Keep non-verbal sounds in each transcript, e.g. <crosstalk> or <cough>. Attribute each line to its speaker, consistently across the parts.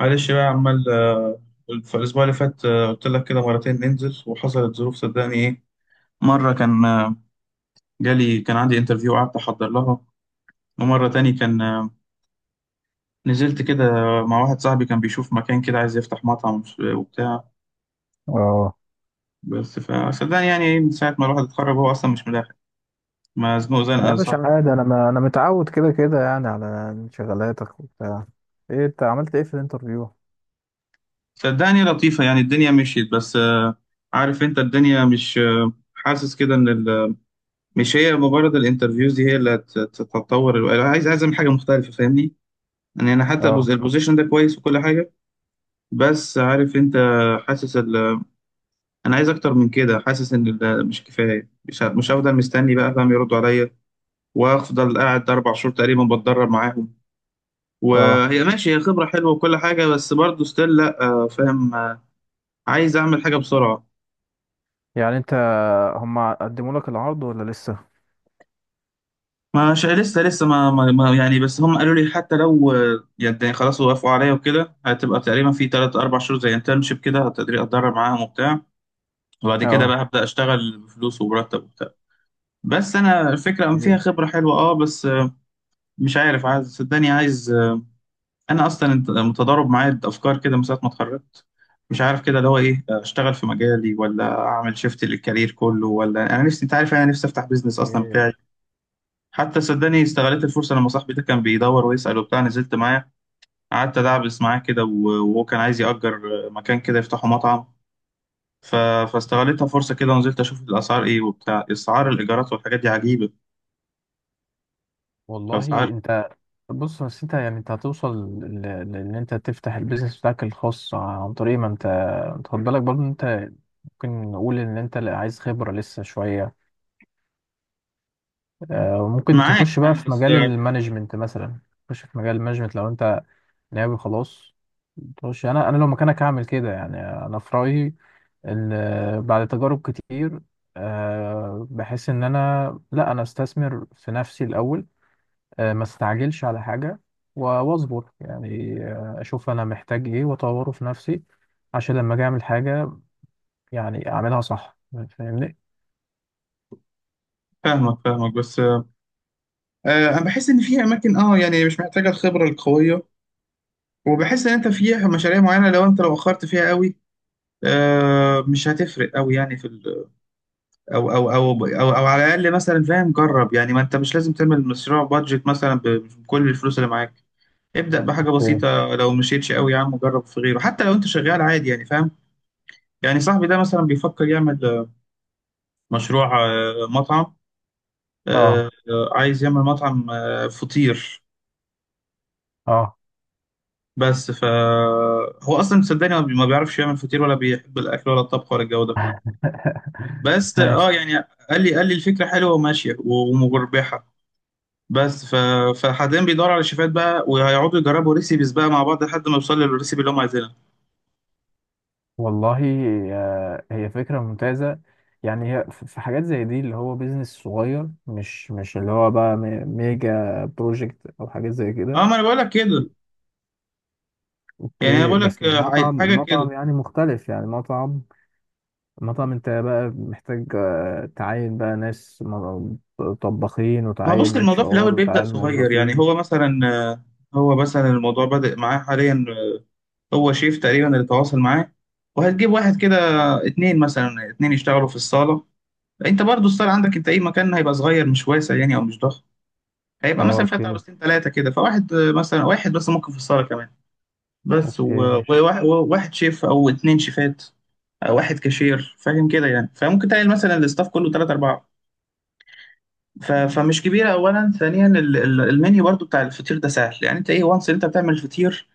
Speaker 1: معلش بقى عمال في الأسبوع اللي فات قلت لك كده مرتين ننزل وحصلت ظروف. صدقني إيه، مرة كان جالي، كان عندي انترفيو قعدت أحضر لها. ومرة تاني كان نزلت كده مع واحد صاحبي كان بيشوف مكان كده عايز يفتح مطعم وبتاع.
Speaker 2: اه،
Speaker 1: بس فصدقني يعني إيه، من ساعة ما الواحد اتخرج هو أصلا مش ملاحق، مزنوق
Speaker 2: يا
Speaker 1: زنقة
Speaker 2: باشا
Speaker 1: صعب.
Speaker 2: عادي، انا ما انا متعود كده كده يعني على شغلاتك وبتاع. ايه انت عملت ايه في الانترفيو؟
Speaker 1: صدقني لطيفة يعني الدنيا مشيت، بس عارف أنت الدنيا مش حاسس كده إن ال، مش هي مجرد الانترفيوز دي هي اللي هتطور أنا عايز أعمل حاجه مختلفه، فاهمني؟ يعني انا حتى
Speaker 2: اه
Speaker 1: البوزيشن ده كويس وكل حاجه. بس عارف انت، حاسس انا عايز اكتر من كده. حاسس ان مش كفايه. مش مش هفضل مستني بقى، فاهم، يردوا عليا وافضل قاعد اربع شهور تقريبا بتدرب معاهم.
Speaker 2: اه.
Speaker 1: وهي ماشي، هي خبره حلوه وكل حاجه، بس برضه ستيل لا فاهم عايز اعمل حاجه بسرعه.
Speaker 2: يعني انت، هم قدموا لك العرض ولا لسه؟
Speaker 1: مش لسه، يعني بس هم قالوا لي حتى لو يعني خلاص وافقوا عليا وكده هتبقى تقريبا في تلات أربع شهور زي انترنشيب كده، هتقدري أتدرب معاهم وبتاع. وبعد كده
Speaker 2: اه.
Speaker 1: بقى هبدأ أشتغل بفلوس ومرتب وبتاع. بس أنا الفكرة أم فيها
Speaker 2: إيه.
Speaker 1: خبرة حلوة أه، بس مش عارف. عايز صدقني عايز أنا أصلا متضارب معايا أفكار كده من ساعة ما اتخرجت. مش عارف كده اللي هو إيه، أشتغل في مجالي ولا أعمل شيفت للكارير كله، ولا أنا نفسي، أنت عارف أنا نفسي أفتح بيزنس أصلا
Speaker 2: إيه.
Speaker 1: بتاعي. حتى صدقني استغلت الفرصة لما صاحبي ده كان بيدور ويسأل وبتاع، نزلت معاه قعدت أدعبس معاه كده، وهو كان عايز يأجر مكان كده يفتحه مطعم. ف... فاستغلتها فرصة كده ونزلت أشوف الأسعار إيه وبتاع. أسعار الإيجارات والحاجات دي عجيبة،
Speaker 2: والله.
Speaker 1: الأسعار.
Speaker 2: انت، بص بس انت يعني، انت هتوصل لان انت تفتح البيزنس بتاعك الخاص عن طريق ما انت... انت خد بالك برضه إن انت ممكن نقول ان انت لا، عايز خبرة لسه شوية. ممكن تخش
Speaker 1: معاك
Speaker 2: بقى
Speaker 1: معاك
Speaker 2: في
Speaker 1: بس،
Speaker 2: مجال المانجمنت مثلا. تخش في مجال المانجمنت لو انت ناوي، خلاص. مش، انا لو مكانك هعمل كده يعني. انا في رايي ان بعد تجارب كتير، بحس ان انا لا، انا استثمر في نفسي الاول. ما استعجلش على حاجه واصبر يعني، اشوف انا محتاج ايه واطوره في نفسي، عشان لما اجي اعمل حاجه يعني اعملها صح، فاهمني؟
Speaker 1: فاهمك فاهمك، بس أنا بحس إن في أماكن أه يعني مش محتاجة الخبرة القوية. وبحس إن أنت في مشاريع معينة، لو أنت لو أخرت فيها قوي مش هتفرق قوي يعني. في أو على الاقل مثلا، فاهم، جرب يعني. ما انت مش لازم تعمل مشروع بادجت مثلا بكل الفلوس اللي معاك. ابدأ بحاجة
Speaker 2: إيه.
Speaker 1: بسيطة، لو مشيتش قوي يا عم جرب في غيره، حتى لو انت شغال عادي يعني، فاهم. يعني صاحبي ده مثلا بيفكر يعمل مشروع مطعم.
Speaker 2: اه
Speaker 1: عايز يعمل مطعم فطير.
Speaker 2: اه.
Speaker 1: بس ف هو اصلا صدقني ما بيعرفش يعمل فطير، ولا بيحب الاكل ولا الطبخ ولا الجو ده كله.
Speaker 2: <laughs>
Speaker 1: بس
Speaker 2: ماشي.
Speaker 1: اه يعني، قال لي الفكرة حلوة وماشية ومربحة. بس ف... فحاليا بيدوروا على شيفات بقى، وهيقعدوا يجربوا ريسيبيز بقى مع بعض لحد ما يوصلوا للريسيبي اللي هم عايزينها.
Speaker 2: والله، هي فكرة ممتازة. يعني هي في حاجات زي دي، اللي هو بيزنس صغير، مش اللي هو بقى ميجا بروجكت أو حاجات زي كده.
Speaker 1: اه، ما انا بقول لك كده. يعني انا
Speaker 2: اوكي.
Speaker 1: بقول لك
Speaker 2: بس المطعم
Speaker 1: حاجه كده.
Speaker 2: المطعم يعني مختلف، يعني مطعم. مطعم انت بقى محتاج تعين بقى ناس، طباخين،
Speaker 1: ما هو بص،
Speaker 2: وتعين اتش
Speaker 1: الموضوع في
Speaker 2: ار،
Speaker 1: الاول بيبدا
Speaker 2: وتعين
Speaker 1: صغير يعني.
Speaker 2: موظفين.
Speaker 1: هو مثلا آه، هو مثلا الموضوع بدأ معاه حاليا هو شيف تقريبا اللي تواصل معاه. وهتجيب واحد كده اتنين مثلا، اتنين يشتغلوا في الصاله. انت برضو الصاله عندك انت ايه، مكان هيبقى صغير مش واسع يعني، او مش ضخم. هيبقى
Speaker 2: اه.
Speaker 1: مثلا
Speaker 2: اوكي
Speaker 1: فيها بس ثلاثه كده، فواحد مثلا واحد بس ممكن في الصاله كمان. بس
Speaker 2: اوكي ماشي.
Speaker 1: وواحد، وواحد شيف او اتنين شيفات، أو واحد كاشير، فاهم كده يعني. فممكن تلاقي مثلا الاستاف كله تلاتة أربعة، فمش كبيرة. أولا ثانيا المنيو برضو بتاع الفطير ده سهل يعني. أنت إيه وانس أنت بتعمل الفطير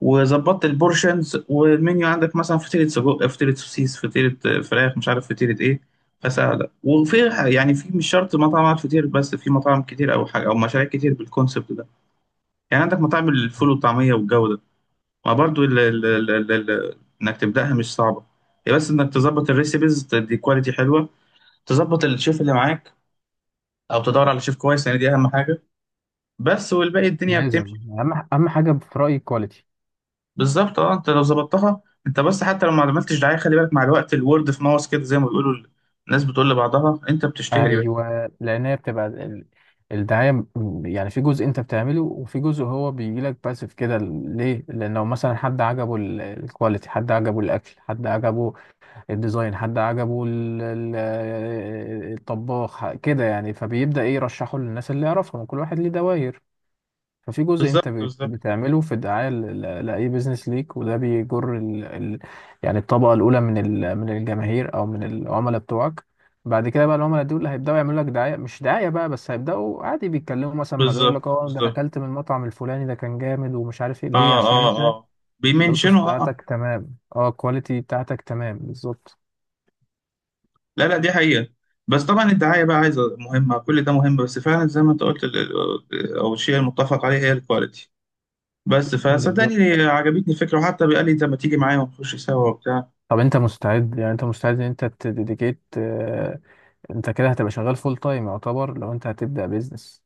Speaker 1: وظبطت البورشنز والمنيو، عندك مثلا فطيرة سجق، فطيرة سوسيس، فطيرة فراخ، مش عارف فطيرة إيه. فسهلة. وفي يعني في، مش شرط مطعم على الفطير بس، في مطاعم كتير أو حاجة أو مشاريع كتير بالكونسبت ده. يعني عندك مطاعم الفول والطعمية والجو ده. وبرضه انك تبداها مش صعبه. هي بس انك تظبط الريسيبيز، تدي كواليتي حلوه، تظبط الشيف اللي معاك او تدور على شيف كويس، لان دي اهم حاجه. بس والباقي الدنيا
Speaker 2: لازم.
Speaker 1: بتمشي.
Speaker 2: اهم حاجة في رأيي كواليتي.
Speaker 1: بالظبط، اه انت لو ظبطتها انت، بس حتى لو ما عملتش دعايه، خلي بالك مع الوقت، الورد في ماوس كده زي ما بيقولوا، الناس بتقول لبعضها، انت بتشتهر يا باشا.
Speaker 2: ايوه. لان هي بتبقى الدعايه. يعني في جزء انت بتعمله، وفي جزء هو بيجي لك باسف كده. ليه؟ لانه مثلا حد عجبه الكواليتي، حد عجبه الاكل، حد عجبه الديزاين، حد عجبه الطباخ كده يعني. فبيبدا ايه؟ يرشحه للناس اللي يعرفهم، وكل واحد ليه دواير. ففي جزء انت
Speaker 1: بالظبط
Speaker 2: بت-
Speaker 1: بالظبط
Speaker 2: بتعمله في الدعايه لاي بيزنس ليك، وده بيجر يعني الطبقه الاولى من من الجماهير او من العملاء بتوعك. بعد كده بقى العملاء دول هيبداوا يعملوا لك دعايه، مش دعايه بقى، بس هيبداوا عادي بيتكلموا مثلا مع زي
Speaker 1: بالظبط
Speaker 2: لك: اه ده انا
Speaker 1: بالظبط.
Speaker 2: اكلت من المطعم الفلاني ده كان جامد ومش عارف ايه، ليه؟
Speaker 1: اه
Speaker 2: عشان
Speaker 1: اه
Speaker 2: انت
Speaker 1: اه.
Speaker 2: الاسس
Speaker 1: بيمنشنوا اه آه.
Speaker 2: بتاعتك تمام، اه، الكواليتي بتاعتك تمام بالظبط.
Speaker 1: لا لا، دي حقيقة. بس طبعا الدعاية بقى عايزة مهمة، كل ده مهم. بس فعلا زي ما انت قلت او الشيء المتفق عليه هي الكواليتي. بس
Speaker 2: بالظبط.
Speaker 1: فصدقني عجبتني الفكرة، وحتى بقى لي انت ما تيجي معايا ونخش سوا وبتاع.
Speaker 2: طب انت مستعد؟ يعني انت مستعد ان انت تديديكيت؟ انت كده هتبقى شغال فول تايم يعتبر، لو انت هتبدا بيزنس.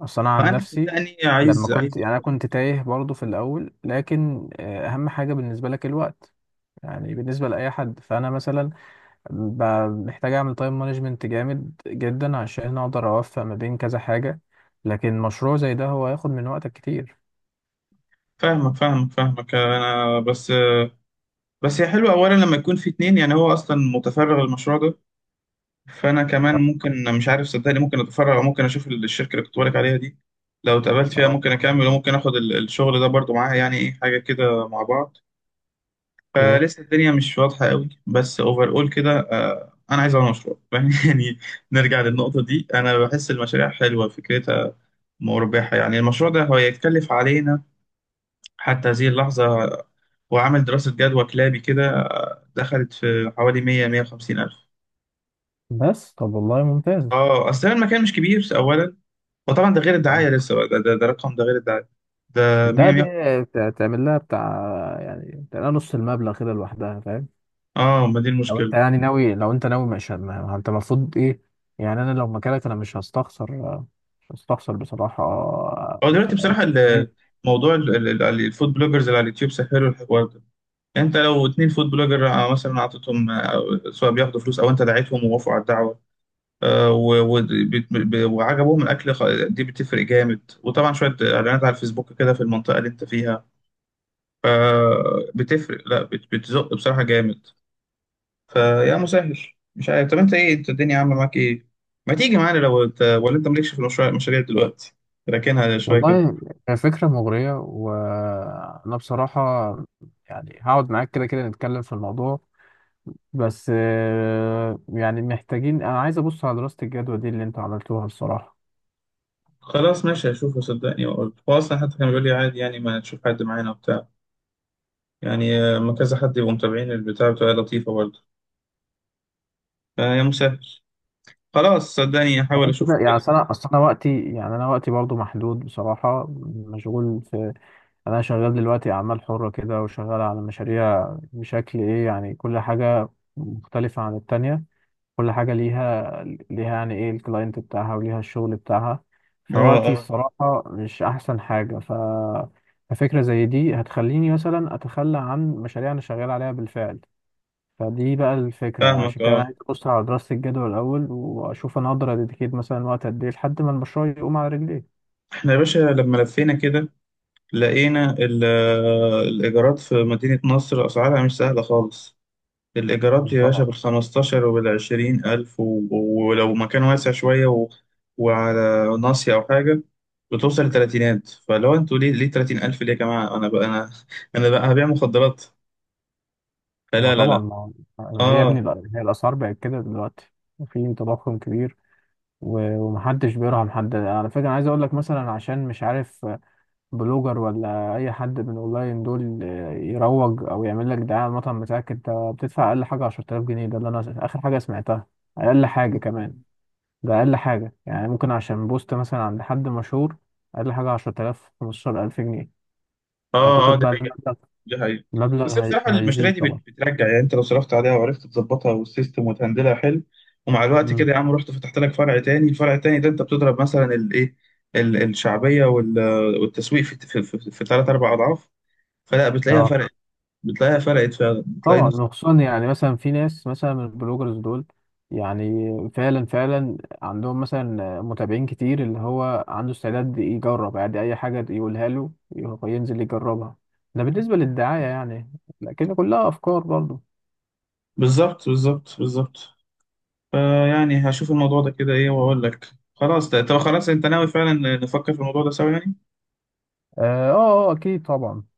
Speaker 2: اصل انا عن
Speaker 1: فانا
Speaker 2: نفسي
Speaker 1: صدقني
Speaker 2: لما
Speaker 1: عايز
Speaker 2: كنت،
Speaker 1: عايز.
Speaker 2: يعني انا كنت تايه برضو في الاول، لكن اهم حاجه بالنسبه لك الوقت، يعني بالنسبه لاي حد. فانا مثلا ب- محتاج اعمل تايم مانجمنت جامد جدا عشان اقدر اوفق ما بين كذا حاجه، لكن مشروع زي ده هو هياخد من وقتك كتير.
Speaker 1: فاهمك فاهمك فاهمك انا، بس. بس هي حلوة اولا لما يكون في اتنين. يعني هو اصلا متفرغ للمشروع ده، فانا كمان
Speaker 2: آه.
Speaker 1: ممكن، مش عارف صدقني، ممكن اتفرغ او ممكن اشوف الشركة اللي كنت بقولك عليها دي. لو اتقابلت فيها
Speaker 2: اه،
Speaker 1: ممكن اكمل وممكن اخد الشغل ده برضو معاها، يعني ايه، حاجة كده مع بعض.
Speaker 2: اوكي.
Speaker 1: فلسه الدنيا مش واضحة قوي، بس اوفر اول كده انا عايز اعمل مشروع <laughs> يعني نرجع للنقطة دي، انا بحس المشاريع حلوة فكرتها، مربحة. يعني المشروع ده هو يتكلف علينا حتى هذه اللحظة وعمل دراسة جدوى كلابي كده، دخلت في حوالي 100 150 ألف.
Speaker 2: بس طب والله ممتاز.
Speaker 1: اه اصل المكان مش كبير اولا. وطبعا ده غير
Speaker 2: آه.
Speaker 1: الدعاية لسه بقى، ده رقم، ده غير الدعاية. ده
Speaker 2: ده
Speaker 1: 100
Speaker 2: دي
Speaker 1: 100.
Speaker 2: تعمل لها بتاع، يعني تعمل لها نص المبلغ كده لوحدها، فاهم؟
Speaker 1: اه ما دي
Speaker 2: لو انت
Speaker 1: المشكلة.
Speaker 2: يعني ناوي، لو انت ناوي، مش ما ما انت المفروض ايه. يعني انا لو مكانك انا مش هستخسر، مش هستخسر بصراحة.
Speaker 1: هو
Speaker 2: ف-
Speaker 1: دلوقتي بصراحة موضوع الفود بلوجرز اللي على اليوتيوب سهلوا الحوار ده. انت لو اتنين فود بلوجر مثلا اعطيتهم سواء بياخدوا فلوس او انت دعيتهم ووافقوا على الدعوه وعجبهم الاكل دي بتفرق جامد. وطبعا شويه اعلانات على الفيسبوك كده في المنطقه اللي انت فيها بتفرق، لا بتزق بصراحه جامد. فيا مسهل. مش عارف، طب انت ايه، انت الدنيا عامله معاك ايه؟ ما تيجي معانا؟ لو انت، ولا انت مالكش في المشاريع دلوقتي، راكنها شويه كده.
Speaker 2: والله هي فكرة مغرية، وانا بصراحة، يعني هقعد معاك كده كده نتكلم في الموضوع. بس يعني محتاجين، انا عايز ابص على دراسة الجدوى دي اللي انتوا عملتوها، بصراحة.
Speaker 1: خلاص ماشي هشوفه صدقني واقول. هو اصلا حتى كان بيقول لي عادي يعني ما تشوف حد معانا وبتاع، يعني ما كذا حد يبقوا متابعين البتاع بتبقى لطيفة برضه. فيا مسهل. خلاص صدقني هحاول
Speaker 2: فغير كده
Speaker 1: أشوف
Speaker 2: يعني، أصل
Speaker 1: كده.
Speaker 2: انا اصل انا وقتي، يعني وقتي برضو محدود بصراحة، مشغول. انا شغال دلوقتي اعمال حرة كده، وشغال على مشاريع بشكل ايه يعني، كل حاجة مختلفة عن التانية. كل حاجة ليها، يعني ايه، الكلاينت بتاعها وليها الشغل بتاعها.
Speaker 1: اه
Speaker 2: فوقتي
Speaker 1: اه.
Speaker 2: الصراحة مش احسن حاجة. ففكرة زي دي هتخليني مثلا اتخلى عن مشاريع انا شغال عليها بالفعل. فدي بقى الفكرة، يعني
Speaker 1: فاهمك
Speaker 2: عشان كده انا
Speaker 1: اه.
Speaker 2: عايز ابص على دراسة الجدوى الاول، واشوف انا اقدر اديكيت مثلا وقت قد ايه لحد ما المشروع يقوم على رجليه.
Speaker 1: احنا يا باشا لما لفينا كده لقينا الإيجارات في مدينة نصر أسعارها مش سهلة خالص. الإيجارات يا باشا
Speaker 2: طبعا.
Speaker 1: بالخمستاشر وبالعشرين ألف ولو مكان واسع شوية وعلى ناصية أو حاجة، بتوصل لتلاتينات. فلو انتوا ليه، ليه تلاتين ألف ليه يا جماعة؟ أنا بقى، أنا، أنا بقى هبيع مخدرات.
Speaker 2: ما
Speaker 1: فلا لا
Speaker 2: طبعا
Speaker 1: لا.
Speaker 2: ما ما هي يا
Speaker 1: اه
Speaker 2: ابني، هي الأسعار بقت كده دلوقتي، وفي تضخم كبير، ومحدش بيرحم حد. على فكرة أنا عايز أقول لك، مثلا عشان مش عارف بلوجر ولا أي حد من أونلاين دول يروج أو يعمل لك دعاية على المطعم بتاعك، أنت بتدفع أقل حاجة 10,000 جنيه، ده اللي أنا آخر حاجة سمعتها. أقل حاجة كمان. ده أقل حاجة يعني ممكن عشان بوست مثلا عند حد مشهور، أقل حاجة 10,000، 15,000 جنيه.
Speaker 1: اه اه،
Speaker 2: أعتقد
Speaker 1: دي
Speaker 2: بقى
Speaker 1: حقيقة،
Speaker 2: المبلغ،
Speaker 1: دي حقيقة. بس بصراحة المشاريع
Speaker 2: هيزيد
Speaker 1: دي
Speaker 2: طبعا.
Speaker 1: بترجع يعني. انت لو صرفت عليها وعرفت تظبطها والسيستم وتهندلها حلو، ومع الوقت كده
Speaker 2: مم.
Speaker 1: يا عم رحت فتحت لك فرع تاني، الفرع التاني ده انت بتضرب مثلا الايه، الشعبية والتسويق في ثلاث اربع اضعاف. فلا بتلاقيها
Speaker 2: اه
Speaker 1: فرقت، بتلاقيها فرقت فعلا، بتلاقي
Speaker 2: طبعا.
Speaker 1: نفس.
Speaker 2: وخصوصا يعني مثلا في ناس مثلا من البلوجرز دول، يعني فعلا فعلا عندهم مثلا متابعين كتير، اللي هو عنده استعداد يجرب يعني اي حاجة يقولها له يروح ينزل يجربها. ده بالنسبة للدعاية يعني، لكن كلها افكار برضو.
Speaker 1: بالظبط بالظبط بالظبط. فيعني هشوف الموضوع ده كده ايه واقول لك. خلاص، طب خلاص، انت ناوي فعلا نفكر في الموضوع ده سوا يعني.
Speaker 2: اه اه. اكيد طبعا.